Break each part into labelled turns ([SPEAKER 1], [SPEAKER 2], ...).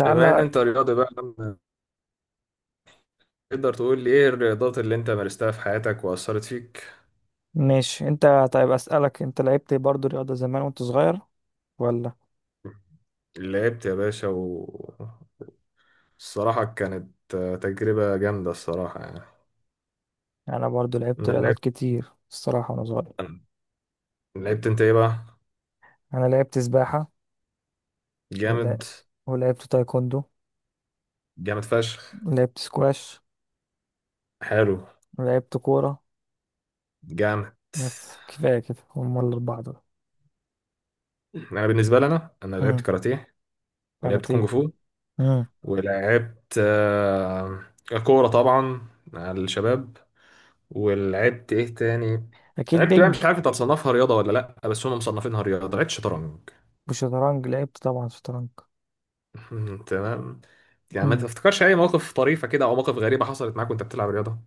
[SPEAKER 1] بما ان انت رياضي بقى، لما تقدر تقول لي ايه الرياضات اللي انت مارستها في حياتك واثرت فيك؟
[SPEAKER 2] ماشي. انت طيب، اسألك انت لعبت برضو رياضة زمان وانت صغير ولا؟
[SPEAKER 1] لعبت يا باشا، والصراحه كانت تجربه جامده الصراحه يعني.
[SPEAKER 2] انا برضو لعبت
[SPEAKER 1] انا
[SPEAKER 2] رياضات
[SPEAKER 1] لعبت
[SPEAKER 2] كتير الصراحة وانا صغير.
[SPEAKER 1] لعبت انت ايه بقى؟
[SPEAKER 2] انا لعبت سباحة، ولا
[SPEAKER 1] جامد.
[SPEAKER 2] ولعبت تايكوندو،
[SPEAKER 1] جامد فشخ.
[SPEAKER 2] ولعبت سكواش،
[SPEAKER 1] حلو.
[SPEAKER 2] ولعبت كورة.
[SPEAKER 1] جامد.
[SPEAKER 2] بس كفاية كده، هم الأربعة دول.
[SPEAKER 1] انا بالنسبه لي، انا لعبت
[SPEAKER 2] امم.
[SPEAKER 1] كاراتيه، ولعبت كونج
[SPEAKER 2] كاراتيه.
[SPEAKER 1] فو،
[SPEAKER 2] امم.
[SPEAKER 1] ولعبت كوره طبعا مع الشباب. ولعبت ايه تاني؟
[SPEAKER 2] أكيد
[SPEAKER 1] لعبت بقى،
[SPEAKER 2] بينج.
[SPEAKER 1] مش عارف انت هتصنفها رياضه ولا لا، بس هم مصنفينها رياضه، لعبت شطرنج.
[SPEAKER 2] وشطرنج لعبت طبعا شطرنج.
[SPEAKER 1] تمام. يعني ما
[SPEAKER 2] امم.
[SPEAKER 1] تفتكرش اي موقف طريفه كده او مواقف غريبه حصلت معاك وانت بتلعب رياضه؟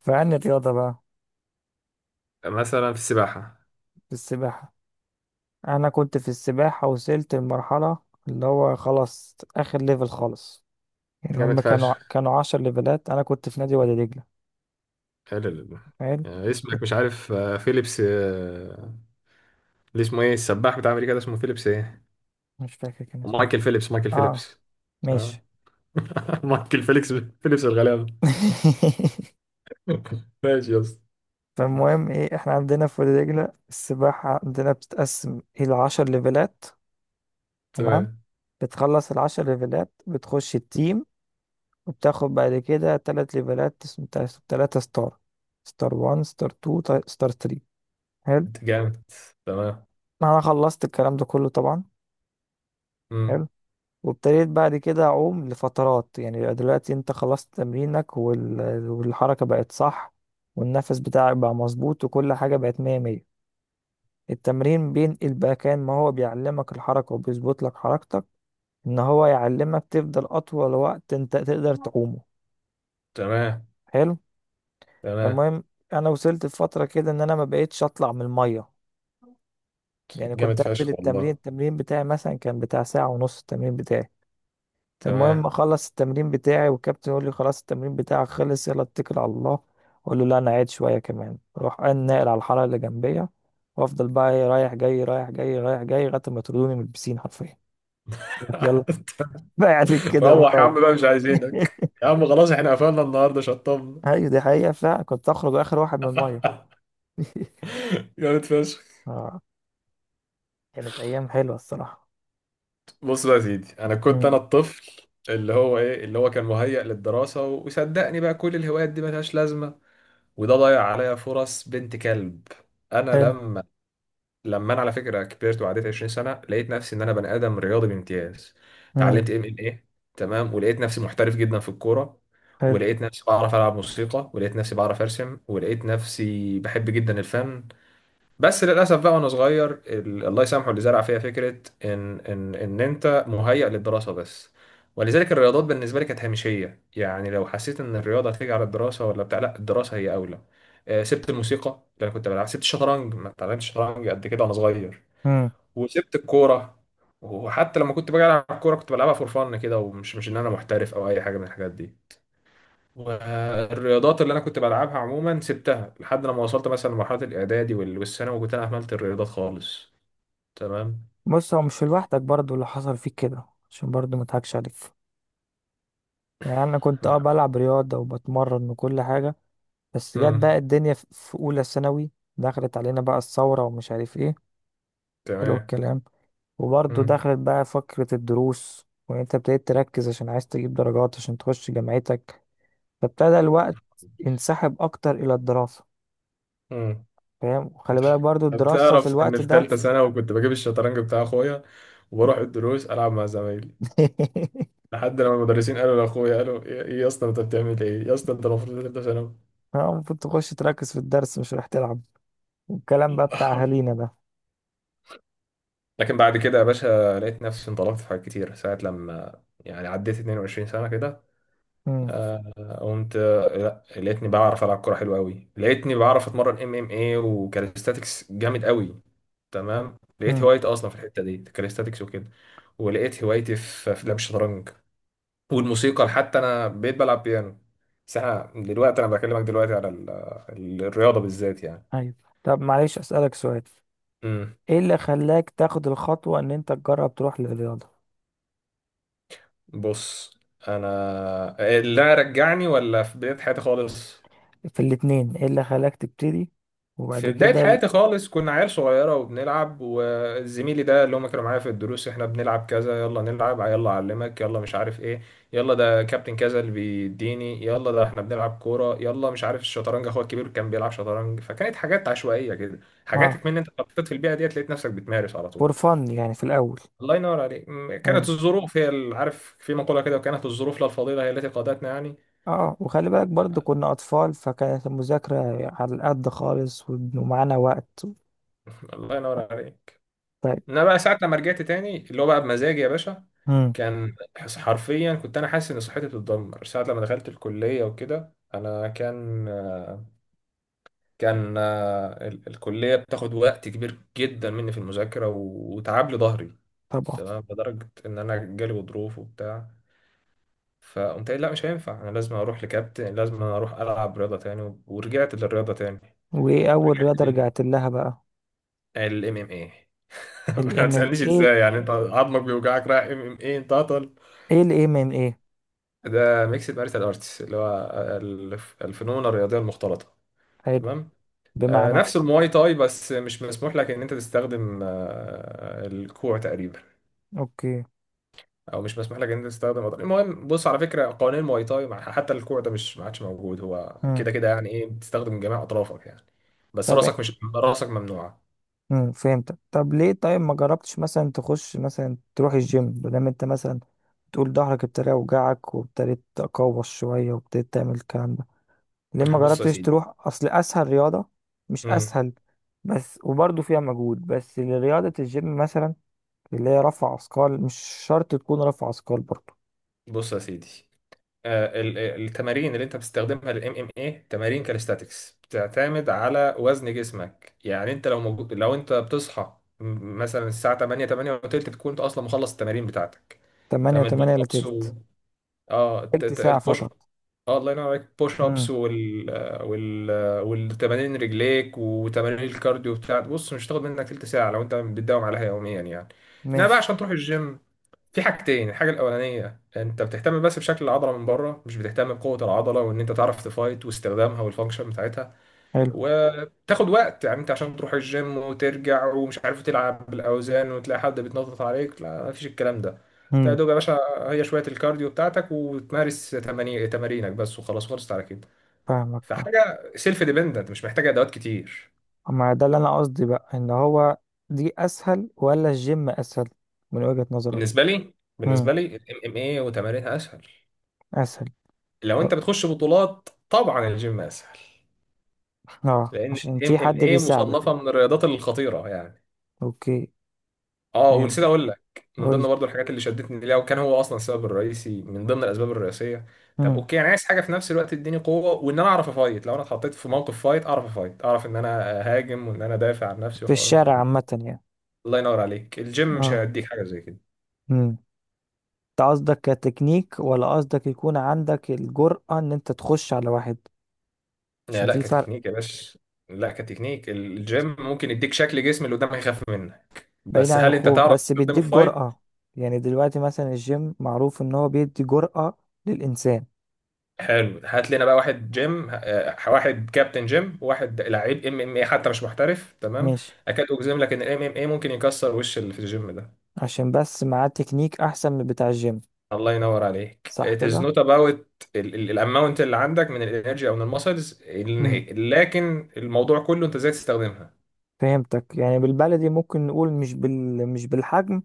[SPEAKER 2] فعن الرياضة بقى،
[SPEAKER 1] مثلا في السباحه.
[SPEAKER 2] في السباحة. أنا كنت في السباحة وصلت لمرحلة اللي هو خلاص آخر ليفل خالص. يعني هم
[SPEAKER 1] جامد
[SPEAKER 2] كانوا
[SPEAKER 1] فشخ.
[SPEAKER 2] كانوا 10 ليفلات، انا كنت في نادي وادي دجله.
[SPEAKER 1] حلو.
[SPEAKER 2] حلو.
[SPEAKER 1] يعني اسمك مش عارف فيليبس، اللي اسمه ايه السباح بتاع امريكا ده، اسمه فيليبس ايه؟
[SPEAKER 2] مش فاكر كان اسمه إيه.
[SPEAKER 1] مايكل فيليبس، مايكل
[SPEAKER 2] اه.
[SPEAKER 1] فيليبس. اه.
[SPEAKER 2] ماشي.
[SPEAKER 1] مايكل فيليبس. فيليبس الغلابه. ماشي يا اسطى.
[SPEAKER 2] فالمهم ايه، احنا عندنا في وادي دجله السباحه عندنا بتتقسم الى 10 ليفلات. تمام.
[SPEAKER 1] تمام.
[SPEAKER 2] بتخلص العشر ليفلات بتخش التيم، وبتاخد بعد كده تلات ليفلات تلاتة تلاتة ستار. ستار 1، ستار 2، ستار 3. حلو.
[SPEAKER 1] انت جامد. تمام.
[SPEAKER 2] انا خلصت الكلام ده كله طبعا.
[SPEAKER 1] مم.
[SPEAKER 2] حلو. وابتديت بعد كده أعوم لفترات، يعني يبقى دلوقتي أنت خلصت تمرينك، والحركة بقت صح والنفس بتاعك بقى مظبوط وكل حاجة بقت مية مية. التمرين بينقل بقى، كان ما هو بيعلمك الحركة وبيظبط لك حركتك، إن هو يعلمك تفضل أطول وقت أنت تقدر تعومه.
[SPEAKER 1] تمام.
[SPEAKER 2] حلو.
[SPEAKER 1] تمام.
[SPEAKER 2] المهم، أنا وصلت لفترة كده إن أنا ما بقيتش أطلع من المية. يعني
[SPEAKER 1] جامد
[SPEAKER 2] كنت أنزل
[SPEAKER 1] فشخ
[SPEAKER 2] التمرين
[SPEAKER 1] والله.
[SPEAKER 2] التمرين بتاعي مثلا كان بتاع ساعة ونص التمرين بتاعي. المهم
[SPEAKER 1] تمام.
[SPEAKER 2] اخلص التمرين بتاعي والكابتن يقول لي خلاص التمرين بتاعك خلص، يلا اتكل على الله. اقول له لا انا قاعد شويه كمان، اروح أنا ناقل على الحاره اللي جنبيه، وافضل بقى ايه، رايح جاي رايح جاي رايح جاي لغايه ما يطردوني من البسين حرفيا. يقول لك يلا بقى عليك كده، قوم
[SPEAKER 1] روح يا عم
[SPEAKER 2] روح.
[SPEAKER 1] بقى، مش عايزينك يا عم، خلاص احنا قفلنا النهارده، شطبنا.
[SPEAKER 2] ايوه دي حقيقه فعلا، كنت اخرج اخر واحد من الميه.
[SPEAKER 1] جامد فشخ.
[SPEAKER 2] اه، كانت ايام حلوه الصراحه.
[SPEAKER 1] بص بقى يا سيدي، انا كنت انا
[SPEAKER 2] امم.
[SPEAKER 1] الطفل اللي هو كان مهيأ للدراسه، وصدقني بقى كل الهوايات دي ملهاش لازمه، وده ضيع عليا فرص بنت كلب. انا
[SPEAKER 2] حلو.
[SPEAKER 1] لما لما انا على فكره كبرت وعديت 20 سنه، لقيت نفسي ان انا بني ادم رياضي بامتياز،
[SPEAKER 2] امم.
[SPEAKER 1] اتعلمت ام ام ايه. تمام. ولقيت نفسي محترف جدا في الكوره،
[SPEAKER 2] حلو.
[SPEAKER 1] ولقيت نفسي بعرف العب موسيقى، ولقيت نفسي بعرف ارسم، ولقيت نفسي بحب جدا الفن. بس للاسف بقى وانا صغير، الله يسامحه اللي زرع فيها فكره ان انت مهيئ للدراسه بس، ولذلك الرياضات بالنسبه لي كانت هامشيه، يعني لو حسيت ان الرياضه هتيجي على الدراسه ولا بتاع، لا، الدراسه هي اولى. سبت الموسيقى اللي انا كنت بلعب، سبت الشطرنج، ما اتعلمتش شطرنج قد كده وانا صغير،
[SPEAKER 2] امم.
[SPEAKER 1] وسبت الكوره. وحتى لما كنت باجي العب الكوره كنت بلعبها فور فن كده، ومش مش ان انا محترف او اي حاجه من الحاجات دي. والرياضات اللي انا كنت بلعبها عموما سبتها لحد لما وصلت مثلا لمرحله الاعدادي والثانوي، وكنت انا اهملت الرياضات خالص. تمام.
[SPEAKER 2] بص، هو مش لوحدك برضو اللي حصل فيك كده، عشان برضو ما اضحكش عليك. يعني انا كنت بلعب رياضه وبتمرن وكل حاجه، بس جت
[SPEAKER 1] امم.
[SPEAKER 2] بقى الدنيا في اولى ثانوي. دخلت علينا بقى الثوره ومش عارف ايه. حلو
[SPEAKER 1] تمام.
[SPEAKER 2] الكلام. وبرضه
[SPEAKER 1] امم.
[SPEAKER 2] دخلت بقى فكره الدروس، وان انت ابتديت تركز عشان عايز تجيب درجات عشان تخش جامعتك. فابتدى الوقت ينسحب اكتر الى الدراسه.
[SPEAKER 1] امم.
[SPEAKER 2] فاهم، وخلي بالك برضه الدراسه في
[SPEAKER 1] بتعرف ان
[SPEAKER 2] الوقت
[SPEAKER 1] في
[SPEAKER 2] ده.
[SPEAKER 1] ثالثه ثانوي كنت بجيب الشطرنج بتاع اخويا، وبروح الدروس العب مع زمايلي، لحد لما المدرسين قالوا لاخويا، قالوا ايه، إيه يا اسطى انت بتعمل ايه يا اسطى، انت المفروض ثالثه ثانوي.
[SPEAKER 2] المفروض تخش تركز في الدرس مش رايح تلعب، والكلام بقى بتاع اهالينا ده.
[SPEAKER 1] لكن بعد كده يا باشا، لقيت نفسي انطلقت في حاجات كتير، ساعه لما يعني عديت 22 سنه كده،
[SPEAKER 2] امم.
[SPEAKER 1] آه، قمت آه، لا لقيتني بعرف العب كوره حلوه قوي، لقيتني بعرف اتمرن ام ام اي وكاليستاتكس جامد قوي. تمام. لقيت
[SPEAKER 2] امم.
[SPEAKER 1] هوايتي اصلا في الحته دي، كاليستاتكس وكده، ولقيت هوايتي في لعب الشطرنج، والموسيقى حتى انا بقيت بلعب بيانو. بس احنا دلوقتي، انا بكلمك دلوقتي على الرياضه بالذات يعني.
[SPEAKER 2] ايوه. طب معلش اسالك سؤال،
[SPEAKER 1] امم.
[SPEAKER 2] ايه اللي خلاك تاخد الخطوة ان انت تجرب تروح للرياضة؟
[SPEAKER 1] بص، انا اللي رجعني ولا في بدايه حياتي خالص؟
[SPEAKER 2] في الاتنين، ايه اللي خلاك تبتدي وبعد
[SPEAKER 1] في بداية
[SPEAKER 2] كده
[SPEAKER 1] حياتي خالص كنا عيال صغيرة وبنلعب، وزميلي ده اللي هم كانوا معايا في الدروس، احنا بنلعب كذا، يلا نلعب، يلا أعلمك، يلا مش عارف ايه، يلا ده كابتن كذا اللي بيديني، يلا ده احنا بنلعب كورة، يلا مش عارف، الشطرنج اخويا الكبير كان بيلعب شطرنج، فكانت حاجات عشوائية كده.
[SPEAKER 2] اه؟
[SPEAKER 1] حاجاتك من انت اتحطيت في البيئة ديت، لقيت نفسك بتمارس على طول.
[SPEAKER 2] فور فن يعني في الاول.
[SPEAKER 1] الله ينور عليك.
[SPEAKER 2] حلو.
[SPEAKER 1] كانت الظروف هي عارف في مقولة كده، وكانت الظروف لا الفضيلة هي التي قادتنا يعني.
[SPEAKER 2] اه، وخلي بالك برضو كنا اطفال فكانت المذاكرة على القد خالص، ومعانا وقت.
[SPEAKER 1] الله ينور عليك.
[SPEAKER 2] طيب.
[SPEAKER 1] انا بقى ساعه لما رجعت تاني، اللي هو بقى بمزاجي يا باشا،
[SPEAKER 2] امم.
[SPEAKER 1] حرفيا كنت انا حاسس ان صحتي بتتدمر ساعه لما دخلت الكليه وكده. انا كان، الكليه بتاخد وقت كبير جدا مني في المذاكره، وتعب لي ظهري.
[SPEAKER 2] طبعا.
[SPEAKER 1] تمام. لدرجه ان انا جالي غضروف وبتاع، فقمت قايل لا مش هينفع، انا لازم اروح لكابتن، لازم اروح العب رياضه تاني، ورجعت للرياضه تاني.
[SPEAKER 2] وايه اول
[SPEAKER 1] ورجعت
[SPEAKER 2] رياضة رجعت لها بقى؟
[SPEAKER 1] للام ام اي. ما
[SPEAKER 2] الام ام
[SPEAKER 1] تسالنيش
[SPEAKER 2] ايه؟
[SPEAKER 1] ازاي، يعني انت عظمك بيوجعك رايح ام ام اي انت؟
[SPEAKER 2] ايه الام ام ايه؟
[SPEAKER 1] ده ميكس مارشال ارتس، اللي هو الفنون الرياضيه المختلطه.
[SPEAKER 2] حلو.
[SPEAKER 1] تمام.
[SPEAKER 2] بمعنى؟
[SPEAKER 1] نفس المواي تاي، بس مش مسموح لك ان انت تستخدم الكوع تقريبا،
[SPEAKER 2] اوكي.
[SPEAKER 1] او مش مسموح لك ان انت تستخدم أضرار. المهم بص على فكره، قوانين المواي تاي حتى الكوع ده مش ما عادش موجود، هو
[SPEAKER 2] امم.
[SPEAKER 1] كده كده، يعني ايه، بتستخدم جميع اطرافك يعني، بس
[SPEAKER 2] طب.
[SPEAKER 1] راسك، مش راسك ممنوعه.
[SPEAKER 2] فهمتك. طب ليه طيب ما جربتش مثلا تخش مثلا تروح الجيم؟ بدل انت مثلا تقول ظهرك ابتدى يوجعك وابتديت تقوس شوية وابتديت تعمل الكلام ده، ليه ما
[SPEAKER 1] بص يا
[SPEAKER 2] جربتش
[SPEAKER 1] سيدي.
[SPEAKER 2] تروح؟ اصل اسهل رياضة. مش
[SPEAKER 1] مم.
[SPEAKER 2] اسهل، بس وبرضه فيها مجهود، بس لرياضة الجيم مثلا اللي هي رفع اثقال. مش شرط تكون رفع اثقال برضه.
[SPEAKER 1] بص يا سيدي، التمارين اللي انت بتستخدمها للام ام اي، تمارين كاليستاتكس بتعتمد على وزن جسمك، يعني انت لو موجود، لو انت بتصحى مثلا الساعه 8 8 وتلت، تكون انت اصلا مخلص التمارين بتاعتك.
[SPEAKER 2] 8
[SPEAKER 1] تمام.
[SPEAKER 2] 8
[SPEAKER 1] البوش
[SPEAKER 2] الا
[SPEAKER 1] ابس و...
[SPEAKER 2] تلت؟
[SPEAKER 1] اه
[SPEAKER 2] تلت ساعة
[SPEAKER 1] البوش.
[SPEAKER 2] فقط؟
[SPEAKER 1] اه الله ينور عليك، بوش
[SPEAKER 2] امم.
[SPEAKER 1] ابس وال... وال... والتمارين رجليك وتمارين الكارديو بتاعت، بص مش هتاخد منك تلت ساعه لو انت بتداوم عليها يوميا يعني. انما بقى
[SPEAKER 2] ماشي.
[SPEAKER 1] عشان تروح الجيم في حاجتين، الحاجة الأولانية أنت بتهتم بس بشكل العضلة من بره، مش بتهتم بقوة العضلة، وإن أنت تعرف تفايت واستخدامها والفانكشن بتاعتها.
[SPEAKER 2] حلو.
[SPEAKER 1] وتاخد وقت يعني، أنت عشان تروح الجيم وترجع ومش عارف تلعب بالأوزان وتلاقي حد بيتنطط عليك، لا، مفيش الكلام ده. أنت يا
[SPEAKER 2] امم.
[SPEAKER 1] دوب يا باشا هي شوية الكارديو بتاعتك، وتمارس تمارينك بس، وخلاص خلصت على كده.
[SPEAKER 2] فاهمك.
[SPEAKER 1] فحاجة سيلف ديبندنت، مش محتاجة أدوات كتير.
[SPEAKER 2] ما ده اللي انا قصدي بقى، ان هو دي اسهل ولا الجيم اسهل من وجهة نظرك؟
[SPEAKER 1] بالنسبة لي،
[SPEAKER 2] امم.
[SPEAKER 1] بالنسبة لي الام ام اي وتمارينها أسهل.
[SPEAKER 2] اسهل.
[SPEAKER 1] لو
[SPEAKER 2] اه.
[SPEAKER 1] أنت بتخش بطولات، طبعا الجيم أسهل، لان
[SPEAKER 2] عشان
[SPEAKER 1] الام
[SPEAKER 2] في
[SPEAKER 1] ام
[SPEAKER 2] حد
[SPEAKER 1] اي
[SPEAKER 2] بيساعدك.
[SPEAKER 1] مصنفه من الرياضات الخطيره يعني.
[SPEAKER 2] اوكي.
[SPEAKER 1] اه، ونسيت
[SPEAKER 2] فهمتك.
[SPEAKER 1] اقول لك، من
[SPEAKER 2] قول لي.
[SPEAKER 1] ضمن برضو الحاجات اللي شدتني ليها، وكان هو اصلا السبب الرئيسي من ضمن الاسباب الرئيسيه. طب
[SPEAKER 2] امم.
[SPEAKER 1] اوكي، انا عايز حاجه في نفس الوقت تديني قوه وان انا اعرف افايت، لو انا اتحطيت في موقف فايت اعرف افايت، اعرف ان انا اهاجم وان انا دافع عن نفسي،
[SPEAKER 2] في
[SPEAKER 1] وحوارات من
[SPEAKER 2] الشارع
[SPEAKER 1] دي.
[SPEAKER 2] عامة يعني.
[SPEAKER 1] الله ينور عليك، الجيم مش
[SPEAKER 2] اه.
[SPEAKER 1] هيديك حاجه زي كده.
[SPEAKER 2] امم. انت قصدك كتكنيك ولا قصدك يكون عندك الجرأة ان انت تخش على واحد؟
[SPEAKER 1] لا
[SPEAKER 2] عشان
[SPEAKER 1] لا
[SPEAKER 2] في فرق.
[SPEAKER 1] كتكنيك يا باشا. لا كتكنيك، الجيم ممكن يديك شكل جسم اللي قدامك يخاف منه،
[SPEAKER 2] بعيد
[SPEAKER 1] بس
[SPEAKER 2] عن
[SPEAKER 1] هل انت
[SPEAKER 2] الخوف،
[SPEAKER 1] تعرف
[SPEAKER 2] بس
[SPEAKER 1] تستخدمه
[SPEAKER 2] بيديك
[SPEAKER 1] في فايت؟
[SPEAKER 2] جرأة. يعني دلوقتي مثلا الجيم معروف ان هو بيدي جرأة للإنسان.
[SPEAKER 1] حلو. هات لنا بقى واحد جيم، واحد كابتن جيم وواحد لعيب ام ام اي، حتى مش محترف، تمام،
[SPEAKER 2] ماشي.
[SPEAKER 1] اكاد اجزم لك ان الام ام اي ممكن يكسر وش اللي في الجيم ده.
[SPEAKER 2] عشان بس معاه تكنيك احسن من بتاع الجيم.
[SPEAKER 1] الله ينور عليك.
[SPEAKER 2] صح
[SPEAKER 1] it is
[SPEAKER 2] كده؟
[SPEAKER 1] not about الاماونت اللي عندك من الانرجي او من المسلز،
[SPEAKER 2] امم.
[SPEAKER 1] لكن الموضوع كله انت ازاي تستخدمها.
[SPEAKER 2] فهمتك. يعني بالبلدي ممكن نقول مش مش بالحجم،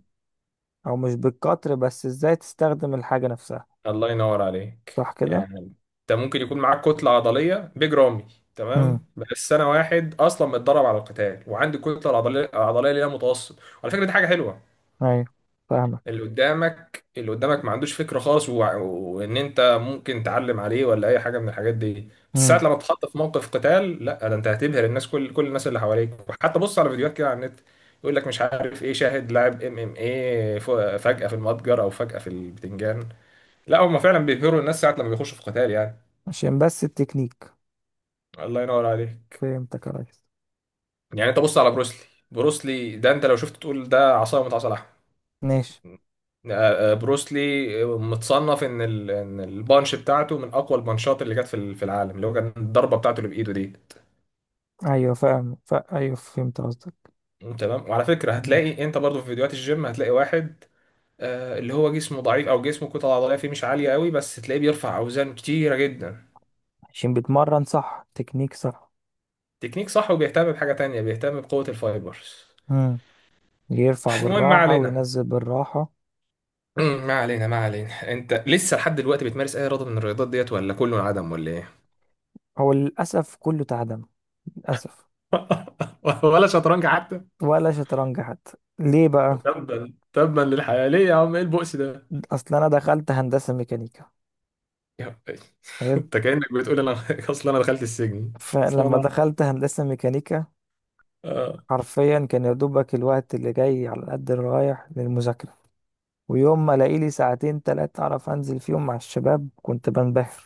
[SPEAKER 2] او مش بالقطر، بس ازاي تستخدم الحاجة نفسها.
[SPEAKER 1] الله ينور عليك
[SPEAKER 2] صح كده؟
[SPEAKER 1] يعني. انت ممكن يكون معاك كتلة عضلية بيج رامي،
[SPEAKER 2] امم.
[SPEAKER 1] تمام، بس انا واحد اصلا متدرب على القتال وعندي الكتلة العضلية اللي هي متوسط، على فكرة دي حاجة حلوة.
[SPEAKER 2] ايوه. فاهمك.
[SPEAKER 1] اللي قدامك ما عندوش فكرة خالص، وان انت ممكن تعلم عليه ولا اي حاجة من الحاجات دي، بس ساعة
[SPEAKER 2] امم.
[SPEAKER 1] لما تتحط في موقف قتال، لا، ده انت هتبهر الناس، كل الناس اللي حواليك. وحتى بص على فيديوهات كده على النت، يقول لك مش عارف ايه، شاهد لاعب ام ام ايه فجأة في المتجر او فجأة في البتنجان، لا، هم فعلا بيبهروا الناس ساعة لما بيخشوا في قتال يعني.
[SPEAKER 2] عشان بس التكنيك.
[SPEAKER 1] الله ينور عليك
[SPEAKER 2] فهمتك يا ريس.
[SPEAKER 1] يعني. انت بص على بروسلي، بروسلي ده انت لو شفت تقول ده عصاية من عصا لحم.
[SPEAKER 2] ماشي.
[SPEAKER 1] بروسلي متصنف ان ان البانش بتاعته من اقوى البانشات اللي جت في العالم، اللي هو كان الضربه بتاعته اللي بايده دي.
[SPEAKER 2] ايوه فاهم، ايوه فهمت قصدك.
[SPEAKER 1] تمام. وعلى فكره
[SPEAKER 2] مم.
[SPEAKER 1] هتلاقي انت برضو في فيديوهات الجيم، هتلاقي واحد اللي هو جسمه ضعيف او جسمه كتله عضليه فيه مش عاليه قوي، بس تلاقيه بيرفع اوزان كتيره جدا.
[SPEAKER 2] عشان بيتمرن صح تكنيك صح.
[SPEAKER 1] تكنيك صح، وبيهتم بحاجه تانية، بيهتم بقوه الفايبرز.
[SPEAKER 2] امم. يرفع
[SPEAKER 1] المهم ما
[SPEAKER 2] بالراحة
[SPEAKER 1] علينا.
[SPEAKER 2] وينزل بالراحة.
[SPEAKER 1] مم، ما علينا، ما علينا. انت لسه لحد دلوقتي بتمارس اي رياضه من الرياضات ديت ولا كله عدم ولا ايه؟
[SPEAKER 2] هو للأسف كله تعدم. للأسف.
[SPEAKER 1] ولا شطرنج حتى؟
[SPEAKER 2] ولا شطرنج حتى. ليه بقى؟
[SPEAKER 1] تبا تبا للحياة، ليه يا عم، ايه البؤس ده؟
[SPEAKER 2] أصل أنا دخلت هندسة ميكانيكا.
[SPEAKER 1] يا عم، إيه؟
[SPEAKER 2] حلو.
[SPEAKER 1] انت كأنك بتقول انا اصل انا دخلت السجن. اصل
[SPEAKER 2] فلما
[SPEAKER 1] انا
[SPEAKER 2] دخلت هندسة ميكانيكا،
[SPEAKER 1] آه.
[SPEAKER 2] حرفيا كان يا دوبك الوقت اللي جاي على قد اللي رايح للمذاكرة. ويوم ما الاقي لي ساعتين تلاتة اعرف انزل فيهم مع الشباب كنت بنبهر.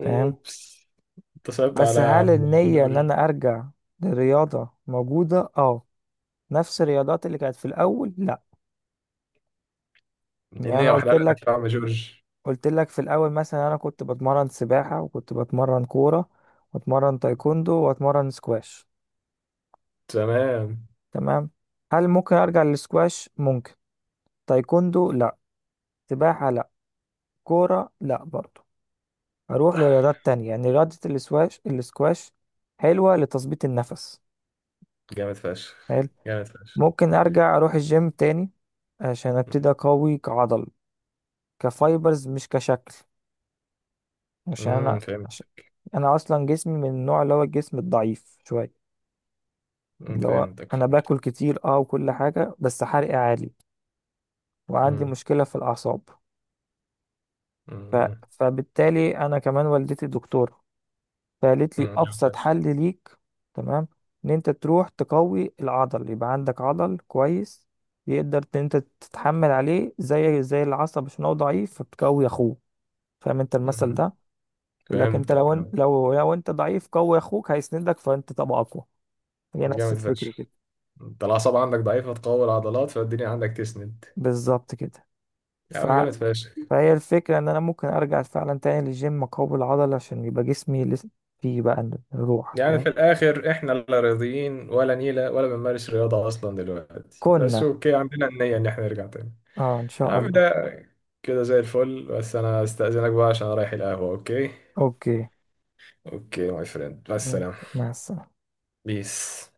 [SPEAKER 2] فاهم.
[SPEAKER 1] انت صعبت
[SPEAKER 2] بس
[SPEAKER 1] عليا يا
[SPEAKER 2] هل
[SPEAKER 1] عم
[SPEAKER 2] النية ان
[SPEAKER 1] جورج.
[SPEAKER 2] انا ارجع للرياضة موجودة؟ اه. نفس الرياضات اللي كانت في الاول؟ لا. يعني
[SPEAKER 1] النية
[SPEAKER 2] انا
[SPEAKER 1] واحدة
[SPEAKER 2] قلت
[SPEAKER 1] لك
[SPEAKER 2] لك،
[SPEAKER 1] يا عم جورج.
[SPEAKER 2] قلت لك في الاول مثلا انا كنت بتمرن سباحة، وكنت بتمرن كورة، واتمرن تايكوندو، واتمرن سكواش.
[SPEAKER 1] تمام.
[SPEAKER 2] تمام. هل ممكن ارجع للسكواش؟ ممكن. تايكوندو لا، سباحة لا، كورة لا برضو. هروح لرياضات تانية. يعني رياضة الاسكواش، الاسكواش حلوة لتظبيط النفس.
[SPEAKER 1] جامد فشخ.
[SPEAKER 2] حلو.
[SPEAKER 1] جامد فشخ.
[SPEAKER 2] ممكن ارجع اروح الجيم تاني، عشان ابتدي اقوي كعضل، كفايبرز مش كشكل. عشان انا،
[SPEAKER 1] فهمت.
[SPEAKER 2] عشان انا اصلا جسمي من النوع اللي هو الجسم الضعيف شوية.
[SPEAKER 1] أمم،
[SPEAKER 2] اللي هو
[SPEAKER 1] فهمتك
[SPEAKER 2] انا
[SPEAKER 1] فهمت.
[SPEAKER 2] باكل كتير اه وكل حاجة، بس حرقي عالي، وعندي
[SPEAKER 1] امم.
[SPEAKER 2] مشكلة في الاعصاب. ف...
[SPEAKER 1] أمم،
[SPEAKER 2] فبالتالي انا كمان، والدتي دكتورة فقالت لي
[SPEAKER 1] أمم، جامد
[SPEAKER 2] ابسط
[SPEAKER 1] فشخ.
[SPEAKER 2] حل ليك. تمام. ان انت تروح تقوي العضل، يبقى عندك عضل كويس يقدر ان انت تتحمل عليه زي زي العصب، عشان هو ضعيف فبتقوي اخوه. فاهم انت المثل
[SPEAKER 1] أمم،
[SPEAKER 2] ده؟ يقول لك انت
[SPEAKER 1] فهمتك
[SPEAKER 2] لو انت
[SPEAKER 1] فهمت.
[SPEAKER 2] لو لو انت ضعيف، قوي اخوك هيسندك فانت تبقى اقوى. هي نفس
[SPEAKER 1] جامد
[SPEAKER 2] الفكره
[SPEAKER 1] فشخ.
[SPEAKER 2] كده.
[SPEAKER 1] انت الاعصاب عندك ضعيفة، تقوي العضلات، فالدنيا عندك تسند.
[SPEAKER 2] بالظبط كده.
[SPEAKER 1] يا
[SPEAKER 2] ف...
[SPEAKER 1] عم جامد فشخ.
[SPEAKER 2] فهي الفكره ان انا ممكن ارجع فعلا تاني للجيم، اقوي العضل عشان يبقى جسمي لسه فيه بقى الروح.
[SPEAKER 1] يعني
[SPEAKER 2] فاهم.
[SPEAKER 1] في الآخر إحنا لا راضيين ولا نيلة ولا بنمارس رياضة أصلا دلوقتي، بس
[SPEAKER 2] كنا.
[SPEAKER 1] أوكي عندنا النية إن إحنا نرجع تاني.
[SPEAKER 2] اه ان
[SPEAKER 1] يا
[SPEAKER 2] شاء
[SPEAKER 1] عم،
[SPEAKER 2] الله.
[SPEAKER 1] ده كده زي الفل، بس أنا أستأذنك بقى عشان أنا رايح القهوة، أوكي.
[SPEAKER 2] اوكي.
[SPEAKER 1] أوكي ماي فريند، مع السلامة.
[SPEAKER 2] مع السلامه.
[SPEAKER 1] بيس.